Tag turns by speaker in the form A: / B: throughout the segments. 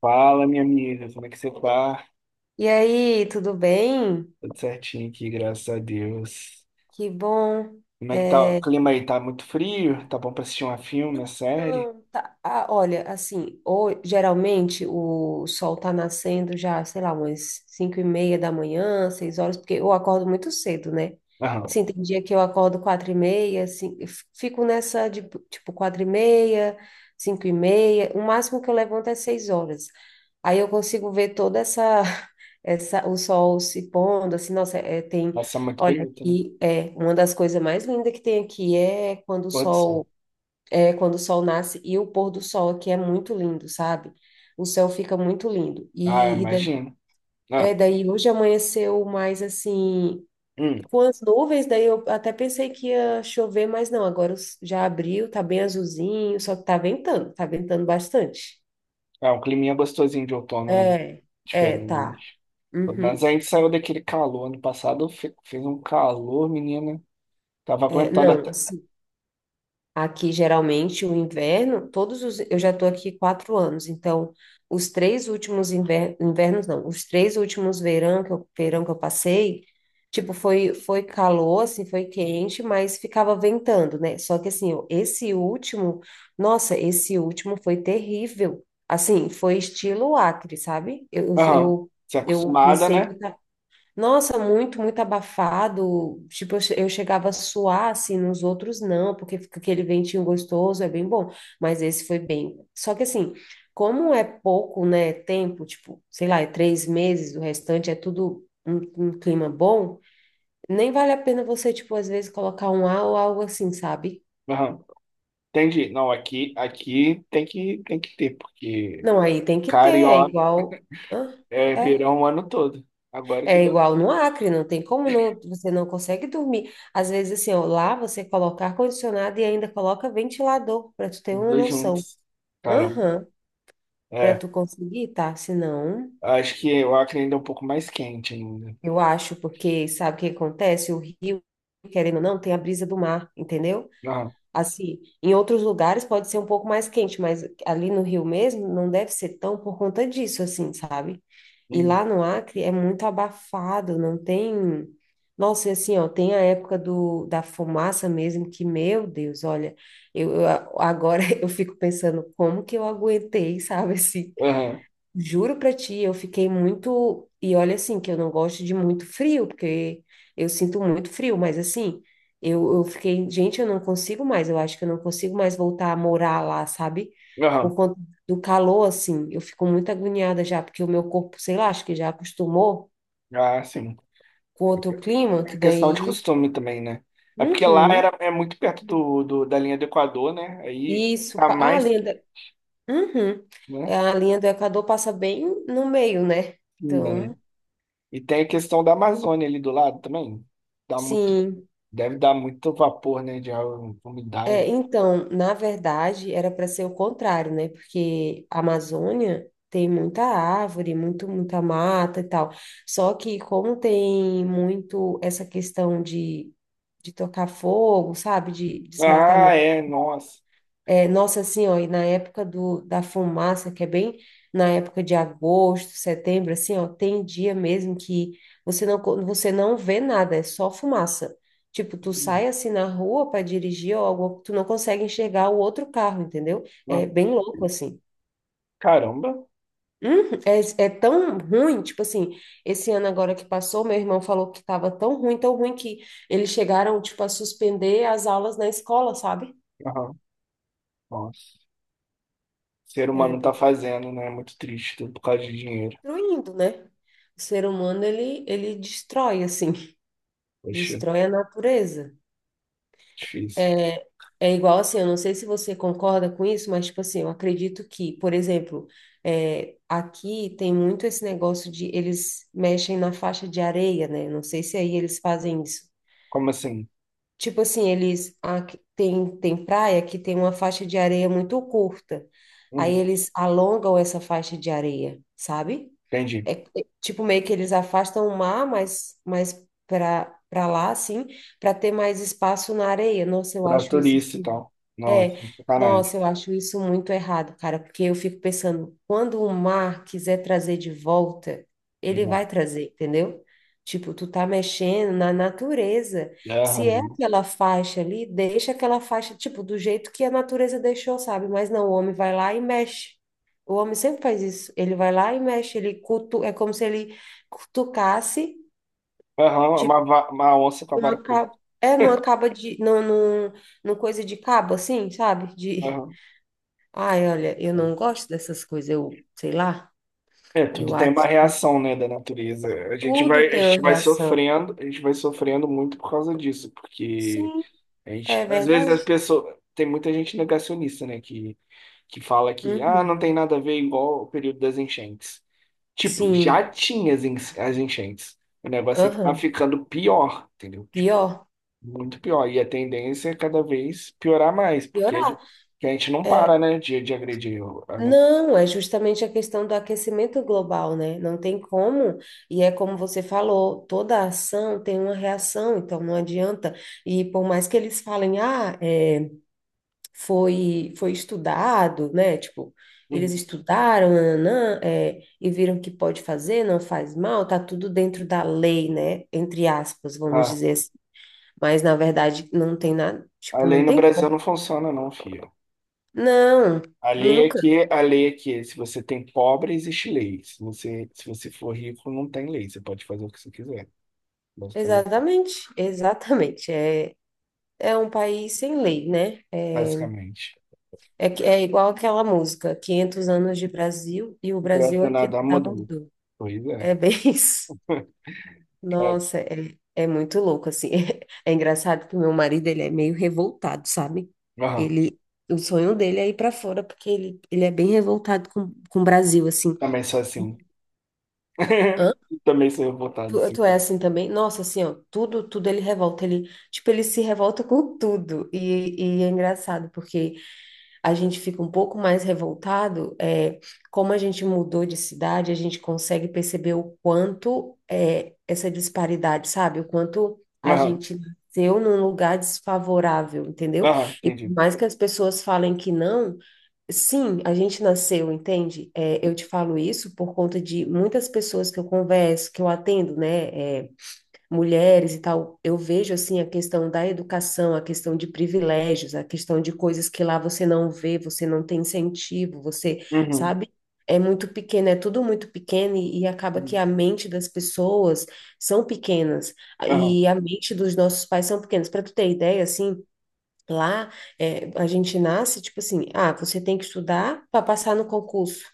A: Fala, minha amiga, como é que você tá?
B: E aí, tudo bem?
A: Tudo certinho aqui, graças a Deus.
B: Que bom.
A: Como é que tá o
B: É,
A: clima aí? Tá muito frio? Tá bom pra assistir um filme, uma série?
B: então, tá. Ah, olha, assim, ou, geralmente o sol tá nascendo já, sei lá, umas 5:30 da manhã, 6 horas, porque eu acordo muito cedo, né?
A: Aham.
B: Sim, tem dia que eu acordo 4:30, assim, fico nessa de, tipo, 4:30, 5:30, o máximo que eu levanto é 6 horas. Aí eu consigo ver toda essa, o sol se pondo, assim, nossa, tem,
A: Nossa, muito
B: olha,
A: bonito, né?
B: aqui, uma das coisas mais lindas que tem aqui é quando o
A: Pôr do sol.
B: sol quando o sol nasce e o pôr do sol aqui é muito lindo, sabe? O céu fica muito lindo.
A: Ah, eu
B: E daí,
A: imagino. Ah,
B: daí hoje amanheceu mais assim,
A: hum.
B: com as nuvens, daí eu até pensei que ia chover, mas não, agora já abriu, tá bem azulzinho, só que tá ventando bastante.
A: É um climinha gostosinho de outono, né?
B: É, tá.
A: Diferente. Mas a
B: Uhum.
A: gente saiu daquele calor. Ano passado fez um calor, menina. Tava aguentando
B: Não,
A: até.
B: assim. Aqui, geralmente, o inverno, eu já estou aqui 4 anos, então, os três últimos inver, invernos, não, os três últimos verão verão que eu passei, tipo, foi calor, assim, foi quente, mas ficava ventando, né? Só que, assim, esse último, nossa, esse último foi terrível. Assim, foi estilo Acre, sabe? Eu,
A: Aham.
B: eu,
A: Você é
B: eu
A: acostumada,
B: pensei que
A: né?
B: eu nossa, muito, muito abafado. Tipo, eu chegava a suar, assim, nos outros não, porque fica aquele ventinho gostoso, é bem bom. Mas esse foi bem. Só que, assim, como é pouco, né, tempo, tipo, sei lá, é 3 meses, o restante é tudo um, um clima bom, nem vale a pena você, tipo, às vezes colocar um A ou algo assim, sabe?
A: Aham. Entendi. Não, aqui, aqui tem que ter, porque
B: Não, aí tem que ter, é
A: carioca
B: igual. Hã?
A: é
B: É.
A: verão o ano todo. Agora que
B: É
A: deu
B: igual no Acre, não tem como não, você não consegue dormir. Às vezes, assim, ó, lá você coloca ar-condicionado e ainda coloca ventilador, para tu ter
A: os
B: uma
A: dois
B: noção.
A: juntos. Caramba.
B: Aham, para
A: É.
B: tu conseguir, tá? Senão,
A: Acho que o Acre ainda é um pouco mais quente ainda.
B: eu acho, porque sabe o que acontece? O rio, querendo ou não, tem a brisa do mar, entendeu?
A: Aham.
B: Assim, em outros lugares pode ser um pouco mais quente, mas ali no Rio mesmo não deve ser tão por conta disso, assim, sabe? E
A: Uhum.
B: lá no Acre é muito abafado, não tem. Nossa, e assim, ó, tem a época da fumaça mesmo, que, meu Deus, olha, eu, eu- agora eu fico pensando como que eu aguentei, sabe, assim,
A: Aham.
B: juro pra ti, eu fiquei muito. E olha assim, que eu não gosto de muito frio, porque eu sinto muito frio, mas assim, eu fiquei, gente, eu não consigo mais, eu acho que eu não consigo mais voltar a morar lá, sabe? Por
A: Aham.
B: conta do calor, assim, eu fico muito agoniada já, porque o meu corpo, sei lá, acho que já acostumou
A: Ah, sim.
B: com outro clima,
A: É
B: que
A: questão de
B: daí.
A: costume também, né? É porque lá era,
B: Uhum.
A: é muito perto do, da linha do Equador, né? Aí
B: Isso,
A: tá
B: ah, a
A: mais
B: linha
A: quente,
B: do... Uhum.
A: né?
B: É, a linha do Equador passa bem no meio, né?
A: Ainda, né?
B: Então,
A: E tem a questão da Amazônia ali do lado também. Dá muito,
B: sim.
A: deve dar muito vapor, né? De umidade.
B: É, então, na verdade, era para ser o contrário, né? Porque a Amazônia tem muita árvore, muito, muita mata e tal. Só que como tem muito essa questão de tocar fogo, sabe? De
A: Ah, é, nossa.
B: nossa, assim, ó, e na época da fumaça, que é bem na época de agosto, setembro, assim, ó, tem dia mesmo que você não vê nada, é só fumaça. Tipo, tu sai assim na rua para dirigir ou algo, tu não consegue enxergar o outro carro, entendeu?
A: Ah,
B: É bem louco, assim.
A: caramba.
B: É tão ruim, tipo assim, esse ano agora que passou, meu irmão falou que tava tão ruim que eles chegaram, tipo, a suspender as aulas na escola, sabe?
A: Aham. Nossa. O ser
B: É
A: humano tá
B: bem
A: fazendo, né? É muito triste, tudo por causa de dinheiro.
B: destruindo, né? O ser humano, ele destrói, assim,
A: Poxa,
B: destrói a natureza.
A: difícil.
B: É igual assim, eu não sei se você concorda com isso, mas, tipo assim, eu acredito que, por exemplo, aqui tem muito esse negócio de eles mexem na faixa de areia, né? Não sei se aí eles fazem isso.
A: Como assim?
B: Tipo assim, tem, tem praia que tem uma faixa de areia muito curta. Aí
A: Uhum.
B: eles alongam essa faixa de areia, sabe?
A: Entendi.
B: É, é, tipo, meio que eles afastam o mar, mas para lá, assim, para ter mais espaço na areia. Nossa, eu
A: Pra
B: acho isso,
A: turista e
B: assim,
A: tal. Não,
B: é,
A: isso é sacanagem.
B: nossa, eu acho isso muito errado, cara, porque eu fico pensando, quando o mar quiser trazer de volta, ele
A: Não.
B: vai trazer, entendeu? Tipo, tu tá mexendo na natureza. Se é
A: Aham.
B: aquela faixa ali, deixa aquela faixa, tipo, do jeito que a natureza deixou, sabe? Mas não, o homem vai lá e mexe. O homem sempre faz isso. Ele vai lá e mexe, ele cutu... é como se ele cutucasse,
A: Aham, é
B: tipo,
A: uma, uma onça com a vara
B: numa
A: curta.
B: ca- é numa caba de. Num, numa coisa de cabo, assim, sabe? De.
A: Aham.
B: Ai, olha, eu não gosto dessas coisas, eu sei lá,
A: É,
B: eu
A: tudo tem
B: acho
A: uma
B: que
A: reação, né, da natureza.
B: tudo
A: A
B: tem
A: gente
B: uma
A: vai
B: reação.
A: sofrendo, a gente vai sofrendo muito por causa disso, porque
B: Sim,
A: a
B: é
A: gente, às vezes as
B: verdade.
A: pessoas, tem muita gente negacionista, né, que fala que ah, não
B: Uhum.
A: tem nada a ver igual o período das enchentes. Tipo, já
B: Sim,
A: tinha as as enchentes. O negócio é que tá
B: aham.
A: ficando pior, entendeu? Tipo,
B: Pior.
A: muito pior. E a tendência é cada vez piorar mais, porque a
B: Piorar.
A: gente, que a gente não para,
B: É,
A: né, de agredir. A, né?
B: Não, é justamente a questão do aquecimento global, né? Não tem como, e é como você falou, toda ação tem uma reação, então não adianta. E por mais que eles falem, ah, foi estudado, né? Tipo, eles
A: Uhum.
B: estudaram, nananã, e viram que pode fazer, não faz mal, tá tudo dentro da lei, né? Entre aspas, vamos
A: a,
B: dizer assim. Mas na verdade não tem nada,
A: a
B: tipo,
A: lei
B: não
A: no
B: tem como.
A: Brasil não funciona, não, filho.
B: Não,
A: A lei é
B: nunca.
A: que, a lei é que se você tem pobre, existe lei. Se você, se você for rico, não tem lei. Você pode fazer o que você quiser, basicamente.
B: Exatamente, exatamente. É um país sem lei, né?
A: Basicamente.
B: É igual aquela música, 500 anos de Brasil e o
A: Não
B: Brasil
A: presta
B: aqui
A: nada
B: da
A: mudou.
B: mudou.
A: Pois é.
B: É bem isso.
A: Cara,
B: Nossa, é muito louco, assim. É, engraçado que o meu marido, ele é meio revoltado, sabe?
A: aham,
B: Ele, o sonho dele é ir para fora, porque ele é bem revoltado com o Brasil, assim.
A: também sou assim.
B: Hã?
A: Também sou revoltado, assim.
B: Tu é assim também? Nossa, assim, ó, tudo ele revolta, ele, tipo, ele se revolta com tudo, e é engraçado, porque a gente fica um pouco mais revoltado, é, como a gente mudou de cidade, a gente consegue perceber o quanto é, essa disparidade, sabe? O quanto a
A: Aham,
B: gente nasceu num lugar desfavorável, entendeu?
A: aham,
B: E por
A: entendi.
B: mais que as pessoas falem que não, sim, a gente nasceu, entende? É, eu te falo isso por conta de muitas pessoas que eu converso, que eu atendo, né? É, mulheres e tal, eu vejo assim a questão da educação, a questão de privilégios, a questão de coisas que lá você não vê, você não tem incentivo, você,
A: Uhum,
B: sabe? É muito pequeno, é tudo muito pequeno e acaba que
A: uhum,
B: a mente das pessoas são pequenas
A: aham,
B: e a mente dos nossos pais são pequenas. Para tu ter ideia, assim, lá é, a gente nasce tipo assim, ah, você tem que estudar para passar no concurso.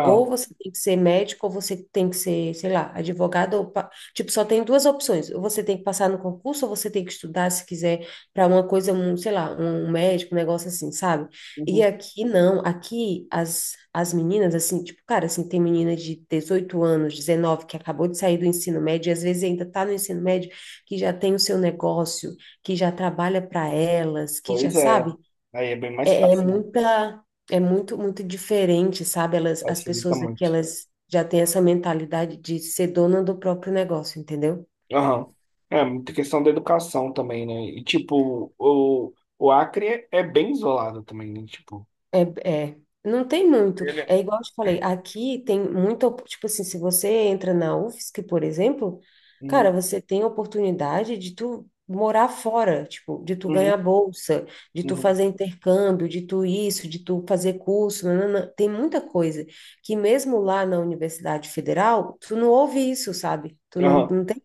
B: Ou você tem que ser médico, ou você tem que ser, sei lá, advogado. Tipo, só tem duas opções. Ou você tem que passar no concurso, ou você tem que estudar, se quiser, para uma coisa, um, sei lá, um médico, um negócio assim, sabe? E
A: uhum.
B: aqui não. Aqui as meninas, assim, tipo, cara, assim, tem menina de 18 anos, 19 que acabou de sair do ensino médio, e às vezes ainda tá no ensino médio, que já tem o seu negócio, que já trabalha para elas, que já
A: Pois é,
B: sabe?
A: aí é bem mais
B: É, é
A: fácil, né?
B: muita, é muito, muito diferente, sabe? Elas, as
A: Facilita
B: pessoas aqui,
A: muito.
B: elas já têm essa mentalidade de ser dona do próprio negócio, entendeu?
A: Aham. É, muita questão da educação também, né? E, tipo, o Acre é bem isolado também, né? Tipo,
B: É, é. Não tem muito.
A: ele é...
B: É igual eu te falei, aqui tem tipo assim, se você entra na UFSC, por exemplo,
A: Uhum,
B: cara, você tem a oportunidade de tu morar fora, tipo, de tu ganhar
A: uhum,
B: bolsa, de tu
A: uhum.
B: fazer intercâmbio, de tu isso, de tu fazer curso, nanana. Tem muita coisa que mesmo lá na Universidade Federal, tu não ouve isso, sabe? Tu não,
A: Aham,
B: não tem.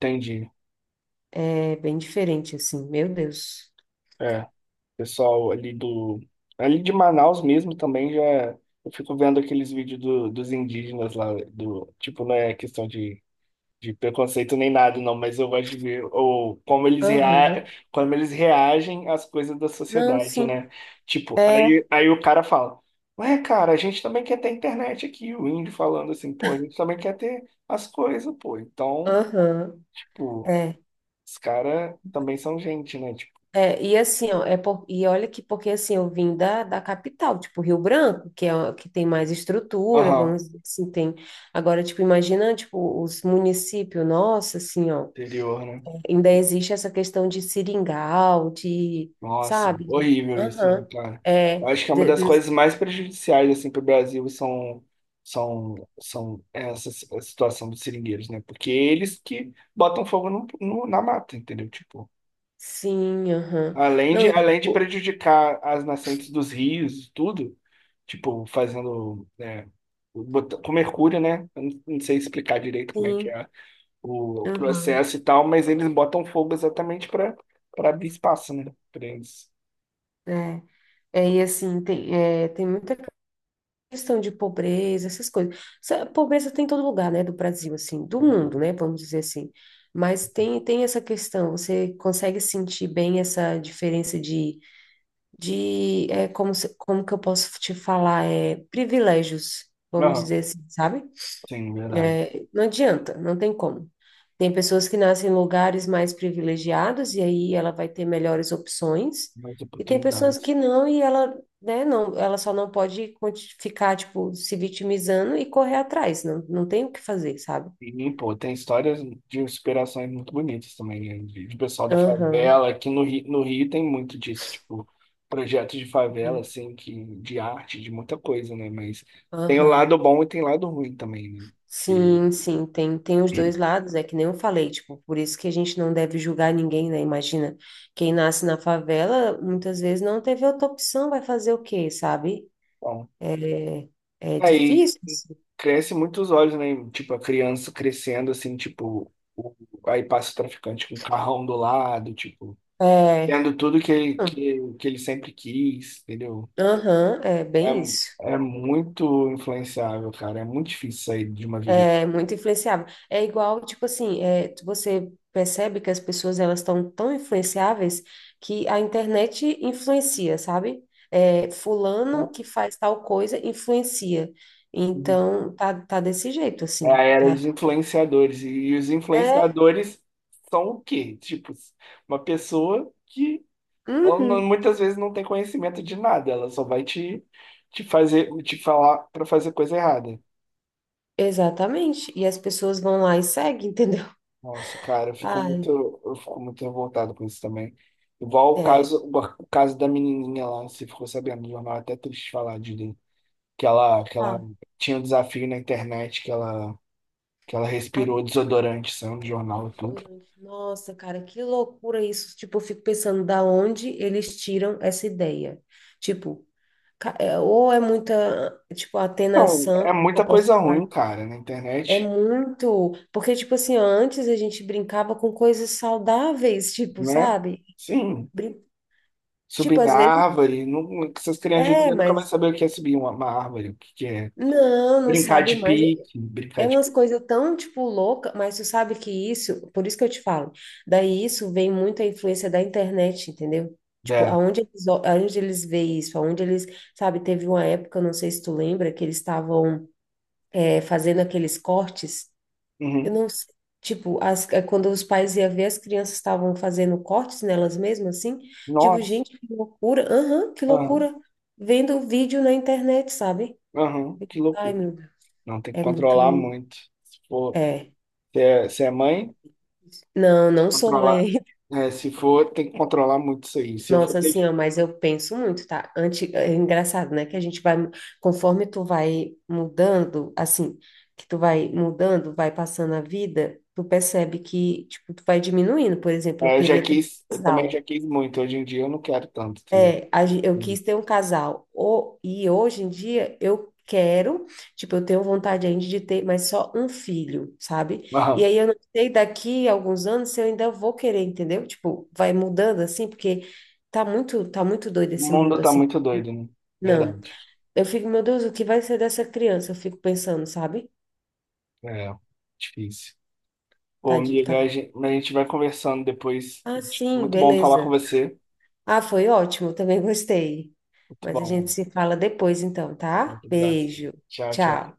A: entendi.
B: É bem diferente, assim, meu Deus.
A: É. Pessoal ali do. Ali de Manaus mesmo também já. Eu fico vendo aqueles vídeos dos indígenas lá, do, tipo, não é questão de preconceito nem nada, não, mas eu gosto de ver ou, como eles,
B: Aham.
A: como eles reagem às coisas da
B: Não,
A: sociedade,
B: sim.
A: né? Tipo,
B: É,
A: aí, aí o cara fala, ué, cara, a gente também quer ter internet aqui, o índio falando assim, pô, a gente também quer ter as coisas, pô. Então,
B: aham.
A: tipo,
B: É.
A: os caras também são gente, né? Tipo,
B: E assim, ó, é por, e olha que porque assim, eu vim da capital, tipo Rio Branco, que que tem mais estrutura,
A: aham,
B: vamos dizer assim, tem. Agora, tipo, imagina, tipo, os municípios, nossa, assim, ó,
A: interior, né?
B: ainda existe essa questão de seringal, de,
A: Nossa,
B: sabe?
A: horrível isso, né,
B: Aham.
A: cara?
B: é,
A: Eu acho que é uma
B: de-
A: das
B: de-
A: coisas mais prejudiciais assim para o Brasil são são essa a situação dos seringueiros, né? Porque eles que botam fogo no, na mata, entendeu? Tipo,
B: sim, aham. Não, eu
A: além de
B: digo,
A: prejudicar as nascentes dos rios, e tudo, tipo, fazendo né, com mercúrio, né? Eu não sei explicar direito como é que
B: sim,
A: é o
B: aham.
A: processo e tal, mas eles botam fogo exatamente para para abrir espaço, né? Para eles.
B: é, e assim, tem, é, tem muita questão de pobreza, essas coisas. Essa pobreza tem em todo lugar, né, do Brasil, assim, do mundo, né, vamos dizer assim. Mas tem, tem essa questão, você consegue sentir bem essa diferença de é, como, como que eu posso te falar, é, privilégios, vamos
A: Aham.
B: dizer assim, sabe?
A: Sim, verdade.
B: Não adianta, não tem como. Tem pessoas que nascem em lugares mais privilegiados e aí ela vai ter melhores opções,
A: Muitas
B: e tem pessoas que
A: oportunidades.
B: não e ela, né, não, ela só não pode ficar, tipo, se vitimizando e correr atrás, não, não tem o que fazer, sabe?
A: E, pô, tem histórias de inspirações muito bonitas também, né? De pessoal da
B: Aham,
A: favela. Aqui no Rio, no Rio tem muito disso, tipo, projetos de favela,
B: uhum,
A: assim, que, de arte, de muita coisa, né? Mas tem o
B: aham.
A: lado bom e tem o lado ruim também, né? Que,
B: Sim, sim, tem, tem os dois lados, é que nem eu falei, tipo, por isso que a gente não deve julgar ninguém, né? Imagina, quem nasce na favela, muitas vezes não teve outra opção, vai fazer o quê, sabe?
A: bom,
B: É, é
A: aí
B: difícil, assim.
A: cresce muito os olhos, né? Tipo, a criança crescendo, assim, tipo, aí passa o traficante com o carrão do lado, tipo,
B: É,
A: tendo tudo
B: não,
A: que ele sempre quis, entendeu?
B: aham, é
A: É,
B: bem isso.
A: é muito influenciável, cara. É muito difícil sair de uma vida.
B: É muito influenciável. É igual, tipo assim, você percebe que as pessoas elas estão tão influenciáveis que a internet influencia, sabe?
A: Assim.
B: Fulano que faz tal coisa influencia.
A: Uhum.
B: Então, tá, tá desse jeito,
A: É a
B: assim,
A: era
B: tá?
A: dos influenciadores. E os
B: É,
A: influenciadores são o quê? Tipo, uma pessoa que ela não-
B: uhum,
A: muitas vezes não tem conhecimento de nada. Ela só vai te, te fazer, te falar pra fazer coisa errada.
B: exatamente. E as pessoas vão lá e seguem, entendeu?
A: Nossa, cara,
B: Ai,
A: eu fico muito revoltado com isso também. Igual
B: é.
A: o caso da menininha lá, você ficou sabendo no jornal, é até triste falar de que ela
B: Ah.
A: tinha um desafio na internet, que ela respirou desodorante, saiu no jornal e tudo.
B: Nossa, cara, que loucura isso. Tipo, eu fico pensando da onde eles tiram essa ideia. Tipo, ou é muita, tipo,
A: Então,
B: atenação,
A: é
B: eu
A: muita
B: posso
A: coisa
B: falar.
A: ruim, cara, na
B: É
A: internet,
B: muito, porque, tipo assim, ó, antes a gente brincava com coisas saudáveis, tipo,
A: né?
B: sabe?
A: Sim,
B: Brin-
A: subir
B: Tipo,
A: em
B: às vezes,
A: árvore, não, essas crianças hoje em dia nunca vai
B: mas
A: saber o que é subir uma árvore, o que que é
B: não, não
A: brincar
B: sabe
A: de
B: mais
A: pique, brincar
B: é
A: de...
B: umas coisas tão, tipo, louca, mas tu sabe que isso, por isso que eu te falo, daí isso vem muito a influência da internet, entendeu? Tipo,
A: É.
B: aonde eles, aonde eles veem isso, aonde eles, sabe, teve uma época, não sei se tu lembra, que eles estavam fazendo aqueles cortes, eu
A: Uhum.
B: não sei, tipo, quando os pais iam ver, as crianças estavam fazendo cortes nelas mesmas, assim, tipo,
A: Nossa,
B: gente, que loucura, aham, que
A: aham,
B: loucura, vendo vídeo na internet, sabe?
A: aham, que
B: Ai,
A: loucura.
B: meu Deus,
A: Não, tem que
B: é
A: controlar
B: muito,
A: muito. Se for,
B: é...
A: se é, se é mãe,
B: Não, não sou
A: controlar...
B: mãe.
A: É, se for, tem que controlar muito isso aí. Se eu for
B: Nossa, assim,
A: ter
B: ó, mas eu penso muito, tá? Antes, é engraçado, né? Que a gente vai, conforme tu vai mudando, assim, que tu vai mudando, vai passando a vida, tu percebe que, tipo, tu vai diminuindo. Por exemplo, eu
A: É, eu já
B: queria ter um
A: quis, eu também já
B: casal.
A: quis muito. Hoje em dia eu não quero tanto, entendeu?
B: Eu
A: Entendi.
B: quis ter um casal. O, e hoje em dia eu quero, tipo, eu tenho vontade ainda de ter, mas só um filho, sabe? E
A: Não,
B: aí eu não sei daqui a alguns anos se eu ainda vou querer, entendeu? Tipo, vai mudando assim, porque tá muito, tá muito doido
A: o
B: esse
A: mundo
B: mundo
A: tá
B: assim.
A: muito doido, né?
B: Não.
A: Verdade.
B: Eu fico, meu Deus, o que vai ser dessa criança? Eu fico pensando, sabe?
A: É, difícil. Pô, amiga,
B: Tá...
A: a gente vai conversando depois.
B: Ah, sim,
A: Muito bom falar com
B: beleza.
A: você.
B: Ah, foi ótimo, também gostei.
A: Muito
B: Mas a
A: bom.
B: gente
A: Amigo.
B: se fala depois então, tá?
A: Muito engraçado.
B: Beijo.
A: Tchau, tchau.
B: Tchau.